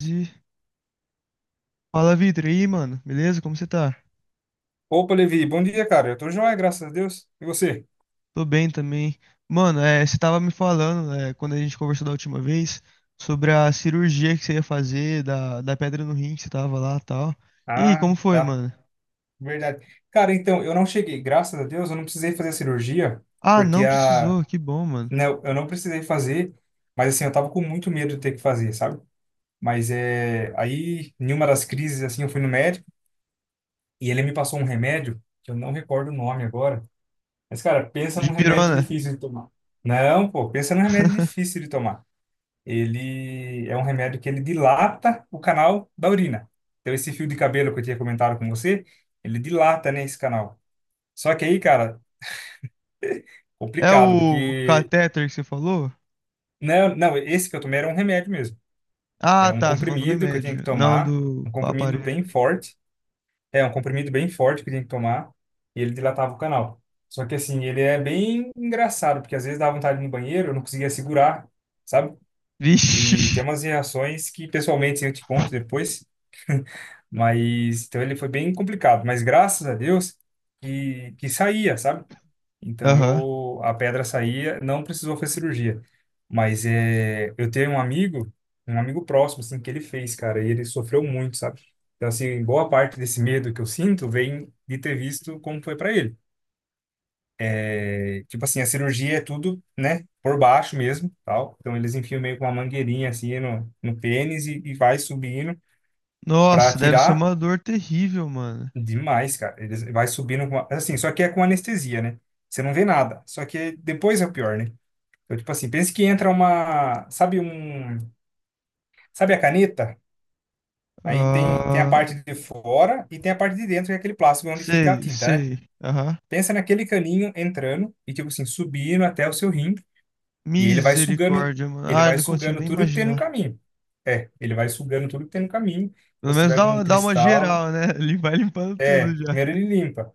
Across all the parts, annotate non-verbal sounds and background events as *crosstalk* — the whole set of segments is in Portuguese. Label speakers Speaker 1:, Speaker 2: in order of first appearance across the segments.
Speaker 1: E fala, Vitor. E aí, mano? Beleza? Como você tá?
Speaker 2: Opa, Levi, bom dia, cara. Eu tô joia, graças a Deus. E você?
Speaker 1: Tô bem também. Mano, você tava me falando, quando a gente conversou da última vez, sobre a cirurgia que você ia fazer, da pedra no rim que você tava lá e tal. E aí,
Speaker 2: Ah,
Speaker 1: como foi,
Speaker 2: tá.
Speaker 1: mano?
Speaker 2: Verdade. Cara, então, eu não cheguei, graças a Deus, eu não precisei fazer a cirurgia,
Speaker 1: Ah,
Speaker 2: porque
Speaker 1: não
Speaker 2: a.
Speaker 1: precisou. Que bom, mano.
Speaker 2: Não, eu não precisei fazer, mas assim, eu tava com muito medo de ter que fazer, sabe? Mas é. Aí, em uma das crises, assim, eu fui no médico e ele me passou um remédio, que eu não recordo o nome agora. Mas, cara, pensa
Speaker 1: De
Speaker 2: num remédio
Speaker 1: pirona.
Speaker 2: difícil de tomar. Não, pô, pensa num remédio
Speaker 1: *laughs*
Speaker 2: difícil de tomar. Ele é um remédio que ele dilata o canal da urina. Então, esse fio de cabelo que eu tinha comentado com você, ele dilata, né, esse canal. Só que aí, cara, *laughs*
Speaker 1: É
Speaker 2: complicado,
Speaker 1: o
Speaker 2: porque...
Speaker 1: catéter que você falou?
Speaker 2: Não, não, esse que eu tomei era um remédio mesmo. É
Speaker 1: Ah,
Speaker 2: um
Speaker 1: tá. Você tá falando do
Speaker 2: comprimido que eu tinha que
Speaker 1: remédio, não
Speaker 2: tomar,
Speaker 1: do
Speaker 2: um comprimido
Speaker 1: aparelho.
Speaker 2: bem forte. É, um comprimido bem forte que eu tinha que tomar, e ele dilatava o canal. Só que, assim, ele é bem engraçado, porque às vezes dava vontade de ir no banheiro, eu não conseguia segurar, sabe?
Speaker 1: Vixe.
Speaker 2: E tem umas reações que, pessoalmente, eu te conto depois. *laughs* Mas, então ele foi bem complicado. Mas graças a Deus que saía, sabe?
Speaker 1: *laughs*
Speaker 2: Então
Speaker 1: Aham.
Speaker 2: eu, a pedra saía, não precisou fazer cirurgia. Mas é, eu tenho um amigo próximo, assim, que ele fez, cara, e ele sofreu muito, sabe? Então, assim, boa parte desse medo que eu sinto vem de ter visto como foi para ele. É, tipo assim, a cirurgia é tudo, né, por baixo mesmo, tal. Então eles enfiam meio com uma mangueirinha assim no pênis e vai subindo para
Speaker 1: Nossa, deve ser
Speaker 2: tirar
Speaker 1: uma dor terrível, mano.
Speaker 2: demais, cara. Eles vai subindo com, assim, só que é com anestesia, né? Você não vê nada. Só que depois é o pior, né? Então, tipo assim, pensa que entra uma, sabe um, sabe a caneta? Aí tem a
Speaker 1: Ah,
Speaker 2: parte de fora e tem a parte de dentro, que é aquele plástico onde fica a
Speaker 1: sei,
Speaker 2: tinta, né?
Speaker 1: sei. Aham.
Speaker 2: Pensa naquele caninho entrando e tipo assim, subindo até o seu rim. E
Speaker 1: Misericórdia, mano.
Speaker 2: ele
Speaker 1: Ai,
Speaker 2: vai
Speaker 1: não consigo
Speaker 2: sugando
Speaker 1: nem
Speaker 2: tudo que tem no
Speaker 1: imaginar.
Speaker 2: caminho. É, ele vai sugando tudo que tem no caminho. Então,
Speaker 1: Pelo
Speaker 2: se
Speaker 1: menos
Speaker 2: tiver
Speaker 1: dá,
Speaker 2: com um
Speaker 1: dá uma
Speaker 2: cristal,
Speaker 1: geral, né? *laughs* Ele vai limpando tudo já.
Speaker 2: primeiro ele limpa.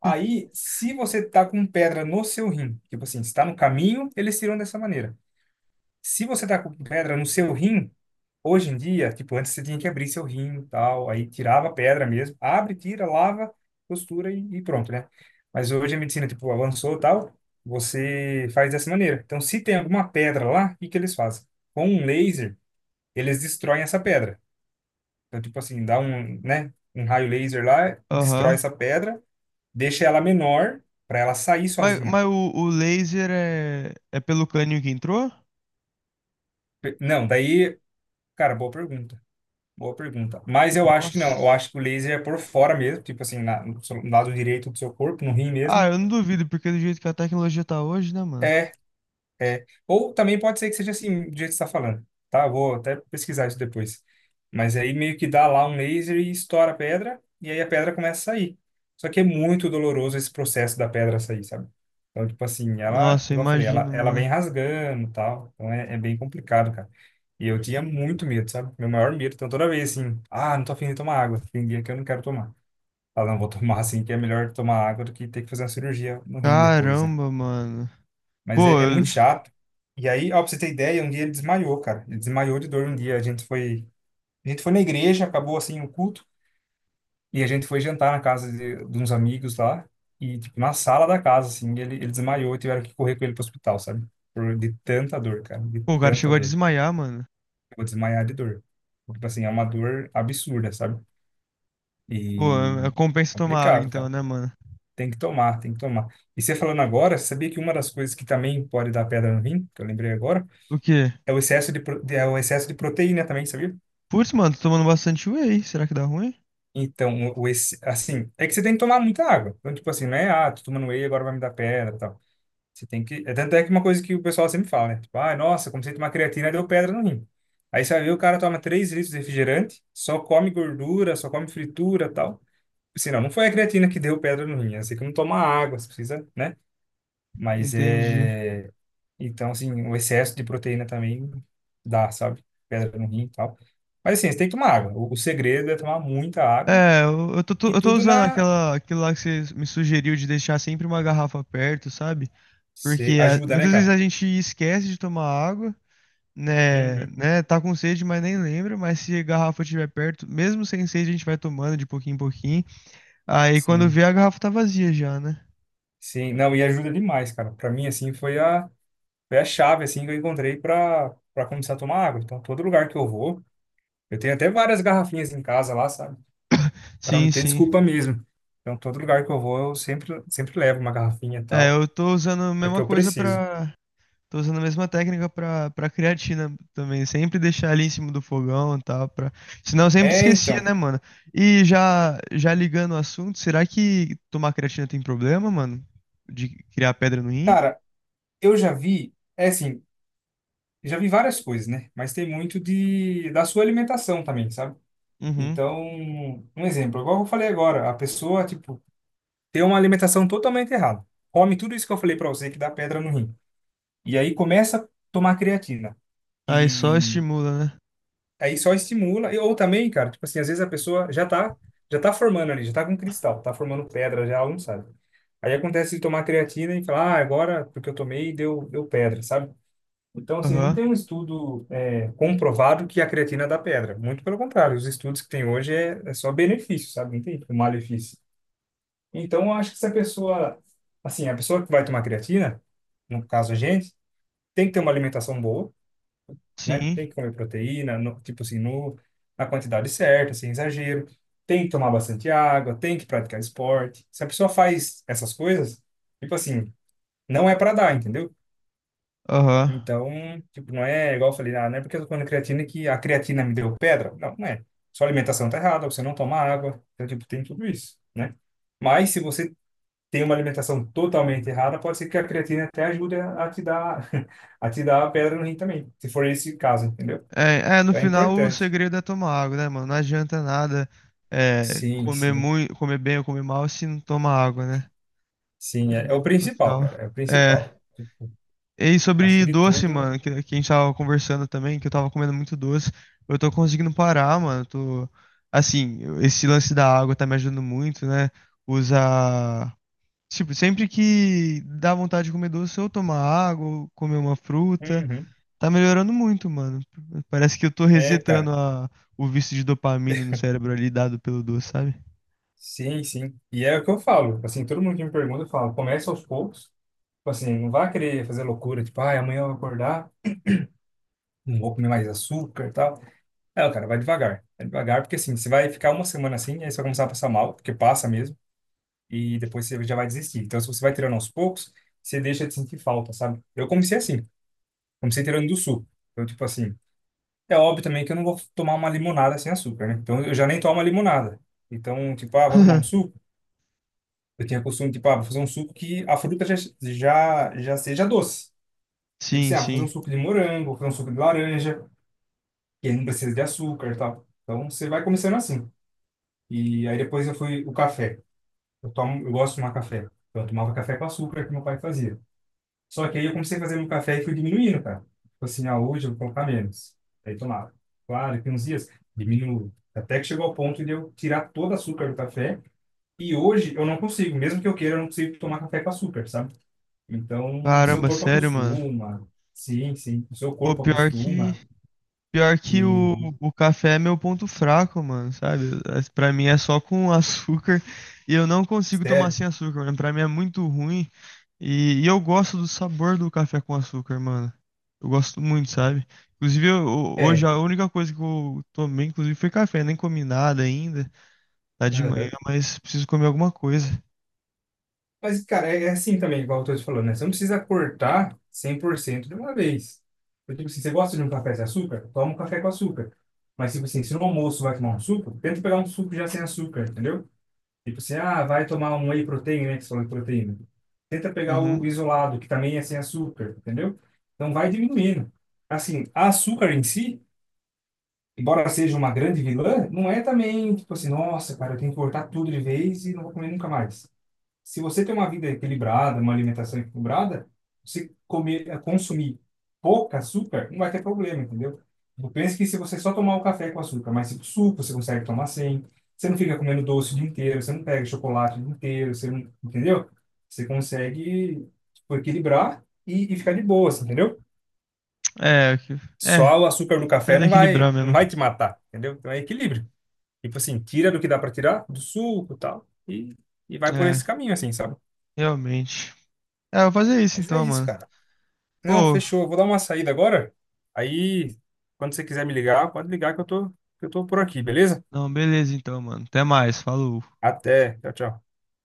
Speaker 2: Aí, se você tá com pedra no seu rim, tipo assim, se tá no caminho, eles tiram dessa maneira. Se você tá com pedra no seu rim, hoje em dia, tipo, antes você tinha que abrir seu rim e tal, aí tirava a pedra mesmo, abre, tira, lava, costura e pronto, né? Mas hoje a medicina, tipo, avançou e tal, você faz dessa maneira. Então, se tem alguma pedra lá, o que que eles fazem? Com um laser, eles destroem essa pedra. Então, tipo assim, dá um, né, um raio laser lá, destrói
Speaker 1: Aham.
Speaker 2: essa pedra, deixa ela menor para ela sair
Speaker 1: Mas,
Speaker 2: sozinha.
Speaker 1: o laser é, é pelo caninho que entrou?
Speaker 2: Não, daí, cara, boa pergunta. Boa pergunta. Mas eu acho que não. Eu
Speaker 1: Nossa.
Speaker 2: acho que o laser é por fora mesmo, tipo assim, na, no seu- no lado direito do seu corpo, no rim
Speaker 1: Ah,
Speaker 2: mesmo.
Speaker 1: eu não duvido, porque do jeito que a tecnologia tá hoje, né, mano?
Speaker 2: é ou também pode ser que seja assim, do jeito que você está falando, tá? Vou até pesquisar isso depois. Mas aí meio que dá lá um laser e estoura a pedra, e aí a pedra começa a sair. Só que é muito doloroso esse processo da pedra sair, sabe? Então, tipo assim, ela,
Speaker 1: Nossa, eu
Speaker 2: igual eu falei, ela,
Speaker 1: imagino,
Speaker 2: ela
Speaker 1: mano.
Speaker 2: vem rasgando e tal. Então é, é bem complicado, cara. E eu tinha muito medo, sabe? Meu maior medo. Então toda vez assim, ah, não tô afim de tomar água. Tem dia que eu não quero tomar. Ah, não, vou *laughs* tomar assim, que é melhor tomar água do que ter que fazer uma cirurgia no rim depois, né?
Speaker 1: Caramba, mano.
Speaker 2: Mas
Speaker 1: Pô,
Speaker 2: é, é
Speaker 1: eu-
Speaker 2: muito chato. E aí, ó, pra você ter ideia, um dia ele desmaiou, cara. Ele desmaiou de dor um dia. A gente foi na igreja, acabou assim o culto, e a gente foi jantar na casa de uns amigos lá, e tipo, na sala da casa, assim, ele desmaiou e tiveram que correr com ele pro hospital, sabe? Por, de tanta dor, cara, de
Speaker 1: pô, o cara
Speaker 2: tanta
Speaker 1: chegou a
Speaker 2: dor.
Speaker 1: desmaiar, mano.
Speaker 2: Eu vou desmaiar de dor. Tipo assim, é uma dor absurda, sabe?
Speaker 1: Pô, é,
Speaker 2: E
Speaker 1: compensa tomar água
Speaker 2: complicado,
Speaker 1: então,
Speaker 2: cara.
Speaker 1: né, mano?
Speaker 2: Tem que tomar, tem que tomar. E você falando agora, você sabia que uma das coisas que também pode dar pedra no rim, que eu lembrei agora,
Speaker 1: O quê?
Speaker 2: É o excesso de, pro- de- é o excesso de proteína também, sabia?
Speaker 1: Putz, mano, tô tomando bastante whey. Será que dá ruim?
Speaker 2: Então, assim, é que você tem que tomar muita água. Então, tipo assim, não é, ah, tô tomando whey, agora vai me dar pedra e tal. Você tem que. É tanto é que uma coisa que o pessoal sempre fala, né? Tipo, ah, nossa, comecei a tomar creatina, deu pedra no rim. Aí você vai ver, o cara toma 3 litros de refrigerante, só come gordura, só come fritura e tal. Assim, não, não foi a creatina que deu pedra no rim. É assim, que não toma água, você precisa, né? Mas
Speaker 1: Entendi.
Speaker 2: é. Então, assim, o excesso de proteína também dá, sabe? Pedra no rim e tal. Mas, assim, você tem que tomar água. O segredo é tomar muita água
Speaker 1: É, eu tô,
Speaker 2: e
Speaker 1: eu tô
Speaker 2: tudo
Speaker 1: usando
Speaker 2: na.
Speaker 1: aquela, aquilo lá que você me sugeriu de deixar sempre uma garrafa perto, sabe?
Speaker 2: Cê-
Speaker 1: Porque
Speaker 2: ajuda, né,
Speaker 1: muitas vezes
Speaker 2: cara?
Speaker 1: a gente esquece de tomar água,
Speaker 2: Uhum.
Speaker 1: né? Tá com sede, mas nem lembra. Mas se a garrafa estiver perto, mesmo sem sede, a gente vai tomando de pouquinho em pouquinho. Aí quando
Speaker 2: Sim,
Speaker 1: vê, a garrafa tá vazia já, né?
Speaker 2: sim. Não, e ajuda demais, cara. Pra mim, assim, foi a, chave, assim, que eu encontrei pra, pra começar a tomar água. Então, todo lugar que eu vou, eu tenho até várias garrafinhas em casa lá, sabe? Pra não
Speaker 1: Sim,
Speaker 2: ter
Speaker 1: sim.
Speaker 2: desculpa mesmo. Então, todo lugar que eu vou, eu sempre, sempre levo uma garrafinha e
Speaker 1: É,
Speaker 2: tal,
Speaker 1: eu tô usando a
Speaker 2: porque
Speaker 1: mesma
Speaker 2: eu
Speaker 1: coisa
Speaker 2: preciso.
Speaker 1: pra. Tô usando a mesma técnica pra, pra creatina também. Sempre deixar ali em cima do fogão e tal. Pra... Senão eu sempre
Speaker 2: É,
Speaker 1: esquecia,
Speaker 2: então.
Speaker 1: né, mano? E já, já ligando o assunto, será que tomar creatina tem problema, mano? De criar pedra no rim?
Speaker 2: Cara, eu já vi, é assim, já vi várias coisas, né? Mas tem muito de da sua alimentação também, sabe?
Speaker 1: Uhum.
Speaker 2: Então, um exemplo, igual eu falei agora, a pessoa, tipo, tem uma alimentação totalmente errada. Come tudo isso que eu falei pra você que dá pedra no rim. E aí começa a tomar creatina.
Speaker 1: Aí só
Speaker 2: E
Speaker 1: estimula, né?
Speaker 2: aí só estimula, ou também, cara, tipo assim, às vezes a pessoa já tá formando ali, já tá com cristal, tá formando pedra já, ela não sabe. Aí acontece de tomar creatina e falar, ah, agora porque eu tomei deu pedra, sabe? Então, assim, não
Speaker 1: Aham.
Speaker 2: tem um estudo comprovado que a creatina dá pedra. Muito pelo contrário, os estudos que tem hoje é só benefício, sabe? Não tem tipo, malefício. Então, eu acho que se a pessoa, assim, a pessoa que vai tomar creatina, no caso a gente, tem que ter uma alimentação boa, né?
Speaker 1: Sim.
Speaker 2: Tem que comer proteína, no, tipo assim, no, na quantidade certa, sem exagero. Tem que tomar bastante água, tem que praticar esporte. Se a pessoa faz essas coisas, tipo assim, não é para dar, entendeu?
Speaker 1: Aham.
Speaker 2: Então, tipo, não é igual eu falei, ah, não é porque eu tô comendo creatina que a creatina me deu pedra. Não, não é. Sua alimentação tá errada, você não toma água. Então, tipo, tem tudo isso, né? Mas se você tem uma alimentação totalmente errada, pode ser que a creatina até ajude a te dar, *laughs* a te dar a pedra no rim também, se for esse caso, entendeu?
Speaker 1: É, é, no
Speaker 2: É
Speaker 1: final o
Speaker 2: importante.
Speaker 1: segredo é tomar água, né, mano? Não adianta nada
Speaker 2: Sim,
Speaker 1: comer
Speaker 2: sim.
Speaker 1: muito, comer bem ou comer mal se não toma água, né?
Speaker 2: Sim, é, é
Speaker 1: No
Speaker 2: o
Speaker 1: no
Speaker 2: principal,
Speaker 1: final.
Speaker 2: cara. É o
Speaker 1: É.
Speaker 2: principal. Tipo,
Speaker 1: E
Speaker 2: acho que
Speaker 1: sobre
Speaker 2: de
Speaker 1: doce,
Speaker 2: tudo.
Speaker 1: mano, que a gente tava conversando também, que eu tava comendo muito doce. Eu tô conseguindo parar, mano. Eu Tô, assim, eu- esse lance da água tá me ajudando muito, né? Usar. Tipo, sempre que dá vontade de comer doce, eu tomar água, ou comer uma fruta.
Speaker 2: Uhum.
Speaker 1: Tá melhorando muito, mano. Parece que eu tô
Speaker 2: É,
Speaker 1: resetando
Speaker 2: cara.
Speaker 1: o vício de dopamina no cérebro ali dado pelo doce, sabe?
Speaker 2: Sim, sim. E é o que eu falo. Assim, todo mundo que me pergunta, eu falo, começa aos poucos. Tipo assim, não vá querer fazer loucura, tipo, ai, amanhã eu vou acordar, não vou comer mais açúcar e tal. É, cara, vai devagar. Vai devagar, porque assim, você vai ficar uma semana assim, aí você vai começar a passar mal, porque passa mesmo, e depois você já vai desistir. Então, se você vai tirando aos poucos, você deixa de sentir falta, sabe? Eu comecei assim, comecei tirando do suco. Então, tipo assim, é óbvio também que eu não vou tomar uma limonada sem açúcar, né? Então, eu já nem tomo uma limonada. Então, tipo, ah, vou tomar um
Speaker 1: *laughs*
Speaker 2: suco. Eu tinha costume, tipo, ah, vou fazer um suco que a fruta já seja doce. Tipo assim,
Speaker 1: Sim,
Speaker 2: ah, vou fazer
Speaker 1: sim.
Speaker 2: um suco de morango, vou fazer um suco de laranja, que não precisa de açúcar e tal. Então você vai começando assim. E aí depois eu fui o café. Eu tomo, eu gosto de tomar café. Então eu tomava café com açúcar que meu pai fazia. Só que aí eu comecei a fazer meu café e fui diminuindo, cara. Tipo assim, ah, hoje eu vou colocar menos. Aí tomava. Claro, que uns dias diminuo. Até que chegou ao ponto de eu tirar todo o açúcar do café. E hoje eu não consigo, mesmo que eu queira, eu não consigo tomar café com açúcar, sabe? Então, o seu
Speaker 1: Caramba,
Speaker 2: corpo
Speaker 1: sério, mano.
Speaker 2: acostuma. Sim, sim. O seu
Speaker 1: Pô,
Speaker 2: corpo
Speaker 1: pior que.
Speaker 2: acostuma.
Speaker 1: Pior que
Speaker 2: E,
Speaker 1: o café é meu ponto fraco, mano, sabe? Pra mim é só com *laughs* açúcar e eu não consigo tomar
Speaker 2: sério?
Speaker 1: sem açúcar, mano. Pra mim é muito ruim e eu gosto do sabor do café com açúcar, mano. Eu gosto muito, sabe? Inclusive, hoje
Speaker 2: É.
Speaker 1: a única coisa que eu tomei, inclusive, foi café. Nem comi nada ainda, tá de manhã,
Speaker 2: Aham.
Speaker 1: mas preciso comer alguma coisa.
Speaker 2: Mas, cara, é é assim também, igual eu tô te falando, né? Você não precisa cortar 100% de uma vez. Eu digo assim, você gosta de um café sem açúcar? Toma um café com açúcar. Mas, tipo assim, se no almoço vai tomar um suco, tenta pegar um suco já sem açúcar, entendeu? Tipo assim, ah, vai tomar um whey protein, né? Que você falou de proteína. Tenta pegar
Speaker 1: Uhum.
Speaker 2: o isolado, que também é sem açúcar, entendeu? Então, vai diminuindo. Assim, açúcar em si embora seja uma grande vilã, não é também, tipo assim, nossa, cara, eu tenho que cortar tudo de vez e não vou comer nunca mais. Se você tem uma vida equilibrada, uma alimentação equilibrada, você comer, consumir pouco açúcar, não vai ter problema, entendeu? Eu penso que se você só tomar o café com açúcar, mas tipo, suco você consegue tomar sem, você não fica comendo doce o dia inteiro, você não pega chocolate o dia inteiro, você não, entendeu? Você consegue, tipo, equilibrar e ficar de boa, assim, entendeu?
Speaker 1: É, é,
Speaker 2: Só o açúcar do
Speaker 1: tem que
Speaker 2: café
Speaker 1: aprender a
Speaker 2: não
Speaker 1: equilibrar
Speaker 2: vai, não
Speaker 1: mesmo.
Speaker 2: vai te matar, entendeu? Então é equilíbrio. Tipo assim, tira do que dá pra tirar, do suco e tal, e vai por esse
Speaker 1: É,
Speaker 2: caminho, assim, sabe?
Speaker 1: realmente. É, eu vou fazer isso
Speaker 2: Mas é
Speaker 1: então,
Speaker 2: isso,
Speaker 1: mano.
Speaker 2: cara. Não,
Speaker 1: Pô.
Speaker 2: fechou. Eu vou dar uma saída agora. Aí, quando você quiser me ligar, pode ligar que eu tô por aqui, beleza?
Speaker 1: Não, beleza então, mano. Até mais. Falou.
Speaker 2: Até. Tchau, tchau.